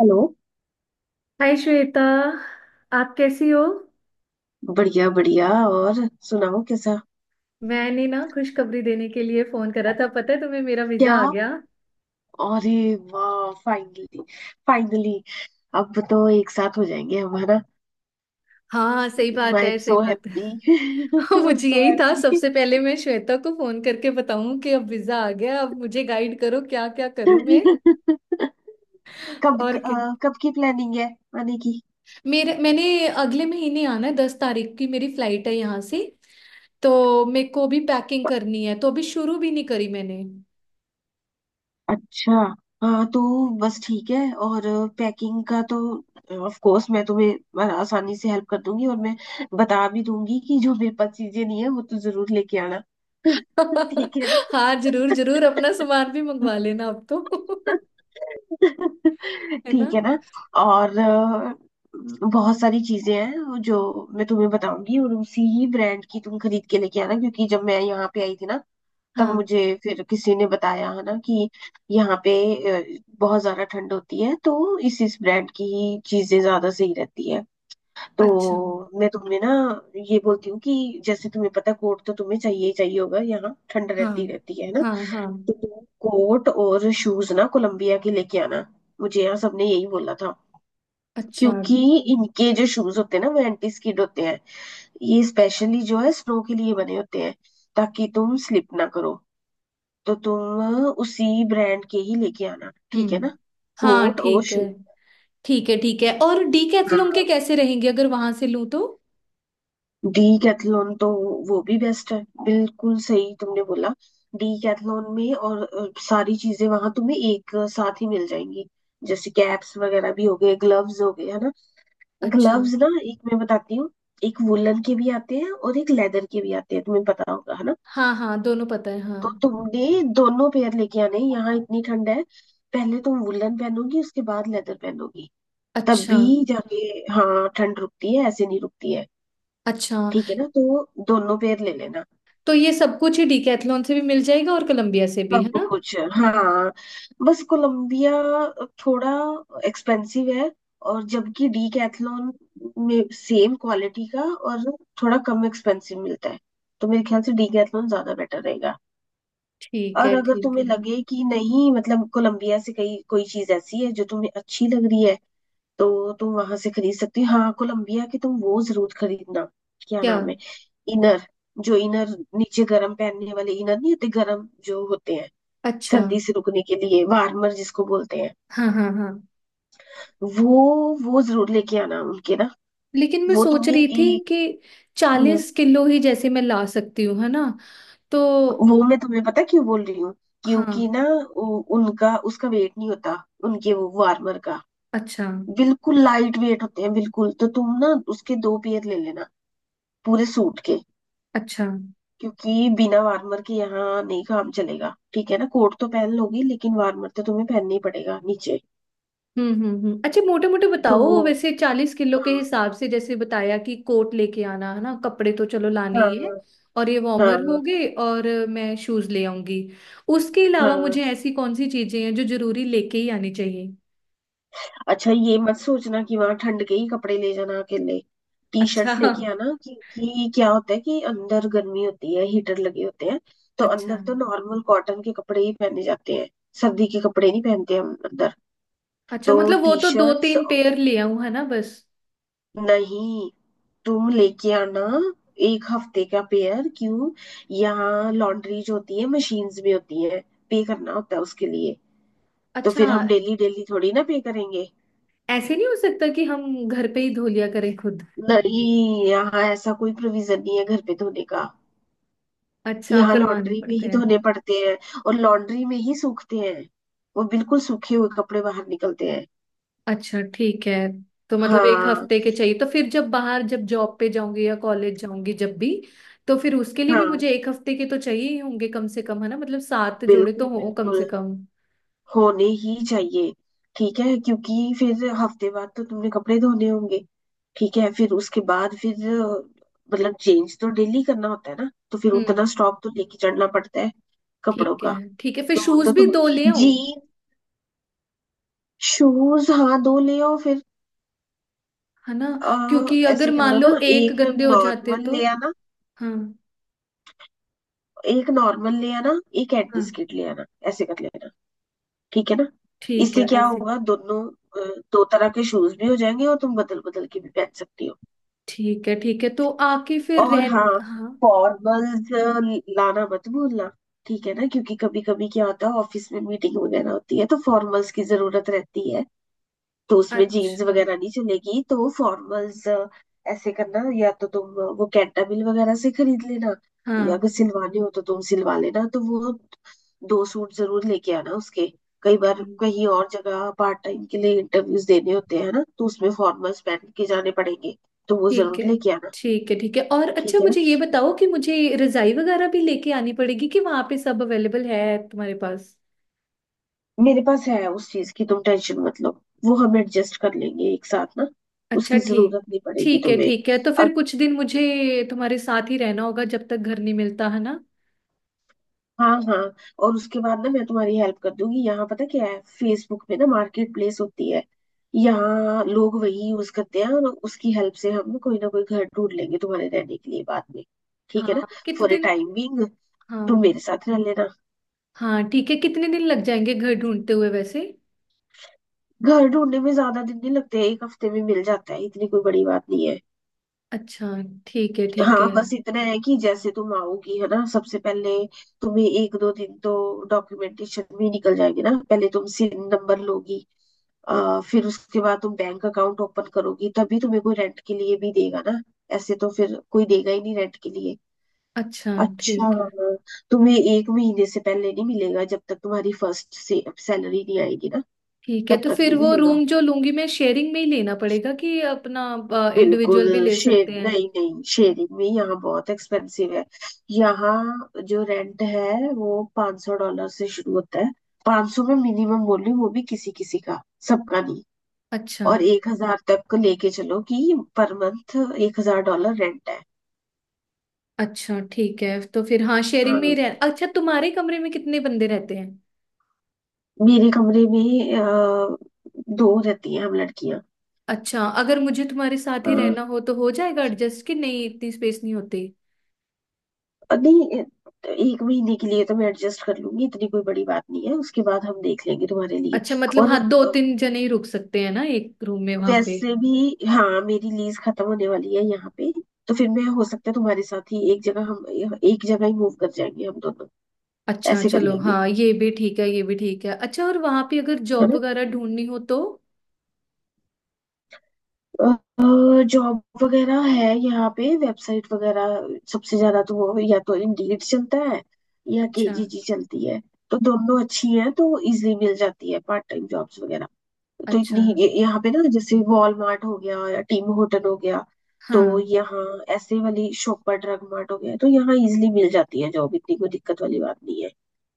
Hello. Hi Shweta, आप कैसी हो। बढ़िया बढ़िया। और सुनाओ कैसा? मैंने ना खुशखबरी देने के लिए फोन करा था। पता है तुम्हें, मेरा वीजा क्या? आ गया। अरे! वाह फाइनली! फाइनली! अब तो एक साथ हो जाएंगे हमारा। हाँ सही बात आई एम है, सही सो बात हैप्पी। है। आई एम मुझे सो यही था, हैप्पी। सबसे पहले मैं श्वेता को फोन करके बताऊं कि अब वीजा आ गया। अब मुझे गाइड करो क्या क्या करूं मैं। और क्या। कब की प्लानिंग है आने की? मेरे मैंने अगले महीने आना है। 10 तारीख की मेरी फ्लाइट है यहाँ से। तो मेरे को भी पैकिंग करनी है, तो अभी शुरू भी नहीं करी मैंने। अच्छा। हाँ तो बस ठीक है। और पैकिंग का तो ऑफ कोर्स मैं तुम्हें आसानी से हेल्प कर दूंगी और मैं बता भी दूंगी कि जो मेरे पास चीजें नहीं है वो तो जरूर लेके आना। ठीक है ना। हाँ जरूर जरूर, अपना सामान भी मंगवा लेना अब तो। है ना। ठीक है ना। और बहुत सारी चीजें हैं जो मैं तुम्हें बताऊंगी और उसी ही ब्रांड की तुम खरीद के लेके आना, क्योंकि जब मैं यहाँ पे आई थी ना तब हाँ। मुझे फिर किसी ने बताया है ना कि यहाँ पे बहुत ज्यादा ठंड होती है, तो इस ब्रांड की ही चीजें ज्यादा सही रहती है। तो अच्छा। मैं तुम्हें ना ये बोलती हूँ कि जैसे तुम्हें पता, कोट तो तुम्हें चाहिए ही चाहिए होगा, यहाँ ठंड हाँ रहती रहती है ना। हाँ हाँ। तो तुम कोट और शूज ना कोलंबिया के लेके आना। मुझे यहाँ सबने यही बोला था, अच्छा। क्योंकि इनके जो शूज होते हैं ना वो एंटी स्किड होते हैं। ये स्पेशली जो है स्नो के लिए बने होते हैं, ताकि तुम स्लिप ना करो। तो तुम उसी ब्रांड के ही लेके आना, ठीक है हम्म। ना। हाँ कोट और ठीक है। ठीक है ठीक है, और डीकैथलॉन के शूज। कैसे रहेंगे अगर वहां से लूँ तो। डीकैथलॉन तो वो भी बेस्ट है, बिल्कुल सही तुमने बोला। डीकैथलॉन में और सारी चीजें वहां तुम्हें एक साथ ही मिल जाएंगी, जैसे कैप्स वगैरह भी हो गए, ग्लव्स हो गए, है ना। अच्छा। ग्लव्स ना, एक मैं बताती हूँ। एक वुलन के भी आते हैं और एक लेदर के भी आते हैं, तुम्हें पता होगा है ना। हाँ हाँ, दोनों पता है तो हाँ। तुमने दोनों पेयर लेके आने हैं। यहाँ इतनी ठंड है, पहले तुम वुलन पहनोगी उसके बाद लेदर पहनोगी। तब अच्छा। भी जाके हाँ ठंड रुकती है, ऐसे नहीं रुकती है। अच्छा, ठीक है ना, तो दोनों पेयर ले लेना। तो ये सब कुछ ही डीकैथलॉन से भी मिल जाएगा और कोलंबिया से भी, है सब ना। कुछ है हाँ। बस कोलंबिया थोड़ा एक्सपेंसिव है, और जबकि डीकैथलॉन में सेम क्वालिटी का और थोड़ा कम एक्सपेंसिव मिलता है, तो मेरे ख्याल से डीकैथलॉन ज्यादा बेटर रहेगा। और अगर ठीक तुम्हें है हाँ। लगे कि नहीं, मतलब कोलंबिया से कहीं कोई चीज ऐसी है जो तुम्हें अच्छी लग रही है, तो तुम वहां से खरीद सकती हो। हाँ कोलंबिया की तुम वो जरूर खरीदना। क्या क्या। नाम है? इनर। जो इनर नीचे गरम पहनने वाले इनर नहीं होते, गरम जो होते हैं अच्छा। सर्दी से रुकने के लिए वार्मर जिसको बोलते हैं, हाँ हाँ हाँ। वो जरूर लेके आना उनके ना। लेकिन मैं वो सोच तुम्हें रही थी एक कि हम्म, 40 किलो ही जैसे मैं ला सकती हूँ, है ना। तो। वो मैं तुम्हें पता क्यों बोल रही हूँ? हाँ। क्योंकि ना उनका उसका वेट नहीं होता, उनके वो वार्मर का। अच्छा। बिल्कुल लाइट वेट होते हैं बिल्कुल, तो तुम ना उसके दो पेयर ले लेना, पूरे सूट के। अच्छा। क्योंकि बिना वार्मर के यहाँ नहीं काम चलेगा, ठीक है ना। कोट तो पहन लोगी लेकिन वार्मर तो तुम्हें पहनना ही पड़ेगा नीचे। अच्छा मोटे मोटे तो बताओ वो वैसे, 40 किलो के हाँ हिसाब से। जैसे बताया कि कोट लेके आना, है ना कपड़े तो चलो लाने ही है। हाँ और ये वार्मर हो हाँ। गए, और मैं शूज ले आऊंगी। उसके हाँ अलावा मुझे हाँ। ऐसी कौन सी चीजें हैं जो जरूरी लेके ही आनी चाहिए। अच्छा, ये मत सोचना कि वहां ठंड के ही कपड़े ले जाना अकेले। टी अच्छा। शर्ट्स लेके आना, क्योंकि क्या होता है कि अंदर गर्मी होती है, हीटर लगे होते हैं, तो अच्छा। अंदर तो नॉर्मल कॉटन के कपड़े ही पहने जाते हैं। सर्दी के कपड़े नहीं पहनते हम अंदर। अच्छा तो मतलब, वो टी तो दो शर्ट्स तीन पेयर ले आऊं है ना बस। नहीं, तुम लेके आना एक हफ्ते का पेयर। क्यों? यहाँ लॉन्ड्रीज होती है, मशीन्स भी होती है, पे करना होता है उसके लिए, तो फिर अच्छा, हम डेली डेली थोड़ी ना पे करेंगे। ऐसे नहीं हो सकता कि हम घर पे ही धो लिया करें खुद। नहीं, यहाँ ऐसा कोई प्रोविजन नहीं है घर पे धोने का। अच्छा यहाँ करवाने लॉन्ड्री में पड़ते ही हैं। धोने पड़ते हैं और लॉन्ड्री में ही सूखते हैं, वो बिल्कुल सूखे हुए कपड़े बाहर निकलते हैं। अच्छा ठीक है। तो मतलब एक हाँ हफ्ते के चाहिए, तो फिर जब बाहर, जब जॉब पे जाऊंगी या कॉलेज जाऊंगी, जब भी, तो फिर उसके लिए भी हाँ मुझे एक हफ्ते के तो चाहिए ही होंगे कम से कम, है ना। मतलब 7 जोड़े तो बिल्कुल हो कम से बिल्कुल, कम। होने ही चाहिए। ठीक है, क्योंकि फिर हफ्ते बाद तो तुमने कपड़े धोने होंगे। ठीक है, फिर उसके बाद फिर मतलब चेंज तो डेली करना होता है ना, तो फिर हम्म। उतना स्टॉक तो लेके चढ़ना पड़ता है कपड़ों ठीक है। का। ठीक है फिर तो वो शूज तो भी तुम दो ले आऊं, जीन शूज हाँ दो ले आओ फिर। है ना, क्योंकि अगर ऐसे मान करना लो ना, एक एक गंदे हो जाते नॉर्मल तो। ले आना, हाँ। एक नॉर्मल ले आना, एक एंटी हाँ। स्किट ले आना, ऐसे कर लेना। ठीक है ना। ठीक इससे है, क्या ऐसे। होगा, दोनों दो तरह के शूज भी हो जाएंगे, और तुम बदल बदल के भी पहन सकती हो। ठीक है ठीक है। तो आके फिर और रह। हाँ, हाँ। फॉर्मल्स लाना मत भूलना। ठीक है ना। क्योंकि कभी कभी क्या होता है, ऑफिस में मीटिंग वगैरह होती है, तो फॉर्मल्स की जरूरत रहती है, तो उसमें जीन्स अच्छा। वगैरह नहीं चलेगी। तो फॉर्मल्स ऐसे करना, या तो तुम वो कैंटाबिल वगैरह से खरीद लेना, या हाँ। अगर सिलवाने हो तो तुम सिलवा लेना, तो वो दो सूट जरूर लेके आना उसके। कई बार कहीं और जगह पार्ट टाइम के लिए इंटरव्यूज देने होते हैं ना, तो उसमें फॉर्मल्स पहन के जाने पड़ेंगे। तो वो ठीक जरूर है। लेके आना, ठीक है ठीक है, और अच्छा ठीक है ना। मुझे ये बताओ कि मुझे रजाई वगैरह भी लेके आनी पड़ेगी कि वहां पे सब अवेलेबल है तुम्हारे पास। मेरे पास है, उस चीज की तुम टेंशन मत लो, वो हम एडजस्ट कर लेंगे एक साथ ना। अच्छा उसकी ठीक। जरूरत नहीं पड़ेगी ठीक है तुम्हें। ठीक है। तो फिर कुछ दिन मुझे तुम्हारे साथ ही रहना होगा जब तक घर नहीं मिलता, है ना। हाँ हाँ। और उसके बाद ना मैं तुम्हारी हेल्प कर दूंगी, यहाँ पता क्या है, फेसबुक पे ना मार्केट प्लेस होती है। यहाँ लोग वही यूज करते हैं, और उसकी हेल्प से हम ना कोई घर ढूंढ लेंगे तुम्हारे रहने के लिए बाद में। ठीक है हाँ ना। कितने फॉर ए दिन। टाइमिंग तुम हाँ। मेरे साथ रह लेना। हाँ ठीक है, कितने दिन लग जाएंगे घर ढूंढते हुए वैसे। घर ढूंढने में ज्यादा दिन नहीं लगते, एक हफ्ते में मिल जाता है, इतनी कोई बड़ी बात नहीं है। अच्छा। ठीक है ठीक है। हाँ, बस इतना है कि जैसे तुम आओगी है ना, सबसे पहले तुम्हें एक दो दिन तो डॉक्यूमेंटेशन में निकल जाएगी ना, पहले तुम सिन नंबर लोगी, फिर उसके बाद तुम बैंक अकाउंट ओपन करोगी, तभी तुम्हें कोई रेंट के लिए भी देगा ना। ऐसे तो फिर कोई देगा ही नहीं रेंट के लिए। अच्छा। अच्छा ठीक है हाँ, तुम्हें एक महीने से पहले नहीं मिलेगा, जब तक तुम्हारी फर्स्ट से सैलरी नहीं आएगी ना। ठीक है। तब तो तक फिर नहीं वो मिलेगा। रूम जो लूंगी मैं, शेयरिंग में ही लेना पड़ेगा कि अपना बिल्कुल इंडिविजुअल भी ले शेर सकते हैं। नहीं नहीं, शेयरिंग में यहाँ बहुत एक्सपेंसिव है। यहाँ जो रेंट है वो $500 से शुरू होता है। 500 में मिनिमम बोल रही हूँ, वो भी किसी किसी का, सबका नहीं। अच्छा। और 1,000 तक को लेके चलो, कि पर मंथ $1,000 रेंट है। अच्छा ठीक है तो फिर हाँ, शेयरिंग हाँ में ही रह। अच्छा तुम्हारे कमरे में कितने बंदे रहते हैं। मेरे कमरे में दो रहती हैं हम लड़कियां। अच्छा अगर मुझे तुम्हारे साथ ही हाँ रहना हो तो हो जाएगा एडजस्ट कि नहीं, इतनी स्पेस नहीं होती। और नहीं एक महीने के लिए तो मैं एडजस्ट कर लूंगी, इतनी कोई बड़ी बात नहीं है, उसके बाद हम देख लेंगे तुम्हारे लिए। अच्छा मतलब, और हाँ दो अ, तीन जने ही रुक सकते हैं ना एक रूम में वहां पे। वैसे भी हाँ, मेरी लीज खत्म होने वाली है यहाँ पे, तो फिर मैं हो सकता है तुम्हारे साथ ही एक जगह हम एक जगह ही मूव कर जाएंगे हम दोनों। अच्छा ऐसे कर चलो, लेंगे, हाँ ये भी ठीक है, ये भी ठीक है। अच्छा और वहां पे अगर है जॉब ना। वगैरह ढूंढनी हो तो। जॉब वगैरह है यहाँ पे, वेबसाइट वगैरह सबसे ज्यादा तो वो या तो इंडीड चलता है या अच्छा। केजीजी चलती है। तो दोनों अच्छी हैं, तो इजीली मिल जाती है पार्ट टाइम जॉब्स वगैरह। तो इतनी अच्छा। यहाँ पे ना, जैसे वॉलमार्ट हो गया या टीम होटल हो गया, तो हाँ। यहाँ ऐसे वाली शॉप पर ड्रग मार्ट हो गया, तो यहाँ इजिली मिल जाती है जॉब, इतनी कोई दिक्कत वाली बात नहीं है।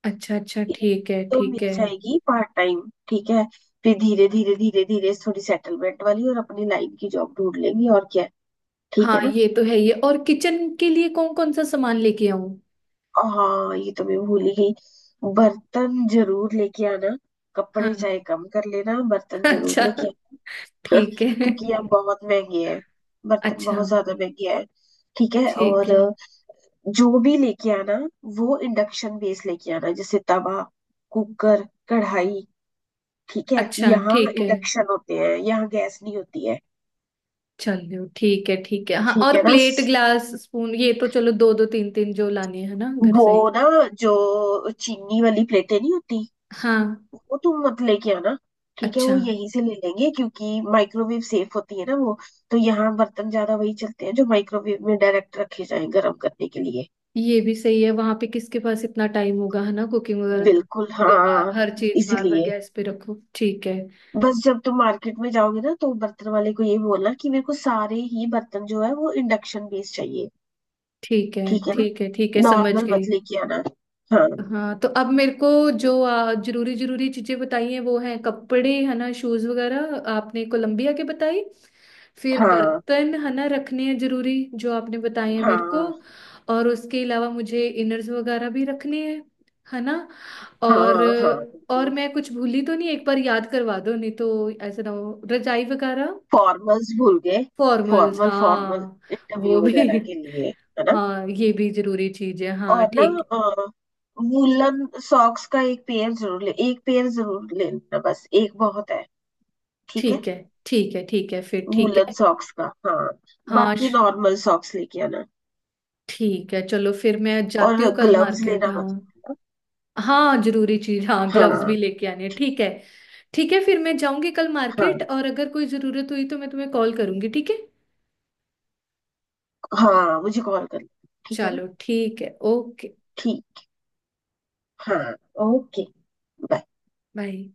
अच्छा। अच्छा एक ठीक है तो मिल ठीक है। जाएगी पार्ट टाइम। ठीक है, फिर धीरे धीरे धीरे धीरे थोड़ी सेटलमेंट वाली और अपनी लाइन की जॉब ढूंढ लेंगे, और क्या है। ठीक हाँ है ना। ये तो है। ये, और किचन के लिए कौन कौन सा सामान लेके आऊं। हाँ ये तो मैं भूल ही गई। बर्तन जरूर लेके आना, कपड़े हाँ। चाहे कम कर लेना, बर्तन जरूर अच्छा। लेके। ठीक है। क्योंकि ये बहुत महंगी है, बर्तन अच्छा। बहुत ज्यादा महंगे है। ठीक है, ठीक और है। जो भी लेके आना वो इंडक्शन बेस लेके आना, जैसे तवा, कुकर, कढ़ाई। ठीक है, अच्छा यहाँ ठीक है। इंडक्शन होते हैं, यहाँ गैस नहीं होती है। चलो ठीक है हाँ। ठीक है और ना। प्लेट, ग्लास, स्पून, ये तो चलो दो दो तीन तीन जो लानी है ना घर वो से ही। ना, जो चीनी वाली प्लेटें नहीं होती हाँ। वो तुम मत लेके आना। ठीक है, अच्छा। वो यहीं से ले लेंगे क्योंकि माइक्रोवेव सेफ होती है ना वो। तो यहाँ बर्तन ज्यादा वही चलते हैं जो माइक्रोवेव में डायरेक्ट रखे जाएं गर्म करने के लिए। ये भी सही है, वहां पे किसके पास इतना टाइम होगा, है ना, कुकिंग वगैरह का? बिल्कुल मतलब बार हाँ। हर चीज बार बार इसीलिए गैस पे रखो। ठीक है। बस जब तुम मार्केट में जाओगे ना, तो बर्तन वाले को ये बोलना कि मेरे को सारे ही बर्तन जो है वो इंडक्शन बेस्ड चाहिए। ठीक है। ठीक है ना। ठीक है ठीक है समझ नॉर्मल गई। मत लेके आना। हाँ हाँ तो अब मेरे को जो जरूरी जरूरी चीजें बताई हैं वो हैं कपड़े, है ना, शूज वगैरह आपने कोलंबिया के बताई। फिर हाँ बर्तन है ना रखने हैं, जरूरी जो आपने बताए हैं मेरे को। हाँ। और उसके अलावा मुझे इनर्स वगैरह भी रखने हैं, है ना। और। हाँ हाँ और बिल्कुल। मैं कुछ भूली तो नहीं, एक बार याद करवा दो, नहीं तो ऐसा ना हो। रजाई वगैरह। फॉर्मल्स भूल गए। फॉर्मल्स फॉर्मल फॉर्मल हाँ। वो इंटरव्यू वगैरह भी। के लिए, है ना। हाँ ये भी जरूरी चीज है, हाँ और ना ठीक। अ, वूलन सॉक्स का एक पेयर जरूर ले लेना, बस एक बहुत है। ठीक है। ठीक है ठीक है। ठीक है फिर ठीक वूलन है। सॉक्स का हाँ, हाँ बाकी श- नॉर्मल सॉक्स लेके आना। ठीक है, चलो फिर मैं और जाती हूँ कल ग्लव्स मार्केट। लेना मत। हाँ। हाँ जरूरी चीज, हाँ ग्लव्स भी हाँ लेके आने हैं, ठीक है। ठीक है फिर मैं जाऊंगी कल मार्केट, हाँ। और अगर कोई जरूरत हुई तो मैं तुम्हें कॉल करूंगी, ठीक है। हाँ मुझे कॉल कर लेना, ठीक है ना। चलो ठीक है, ओके। ठीक। हाँ। ओके। बाय। बाय।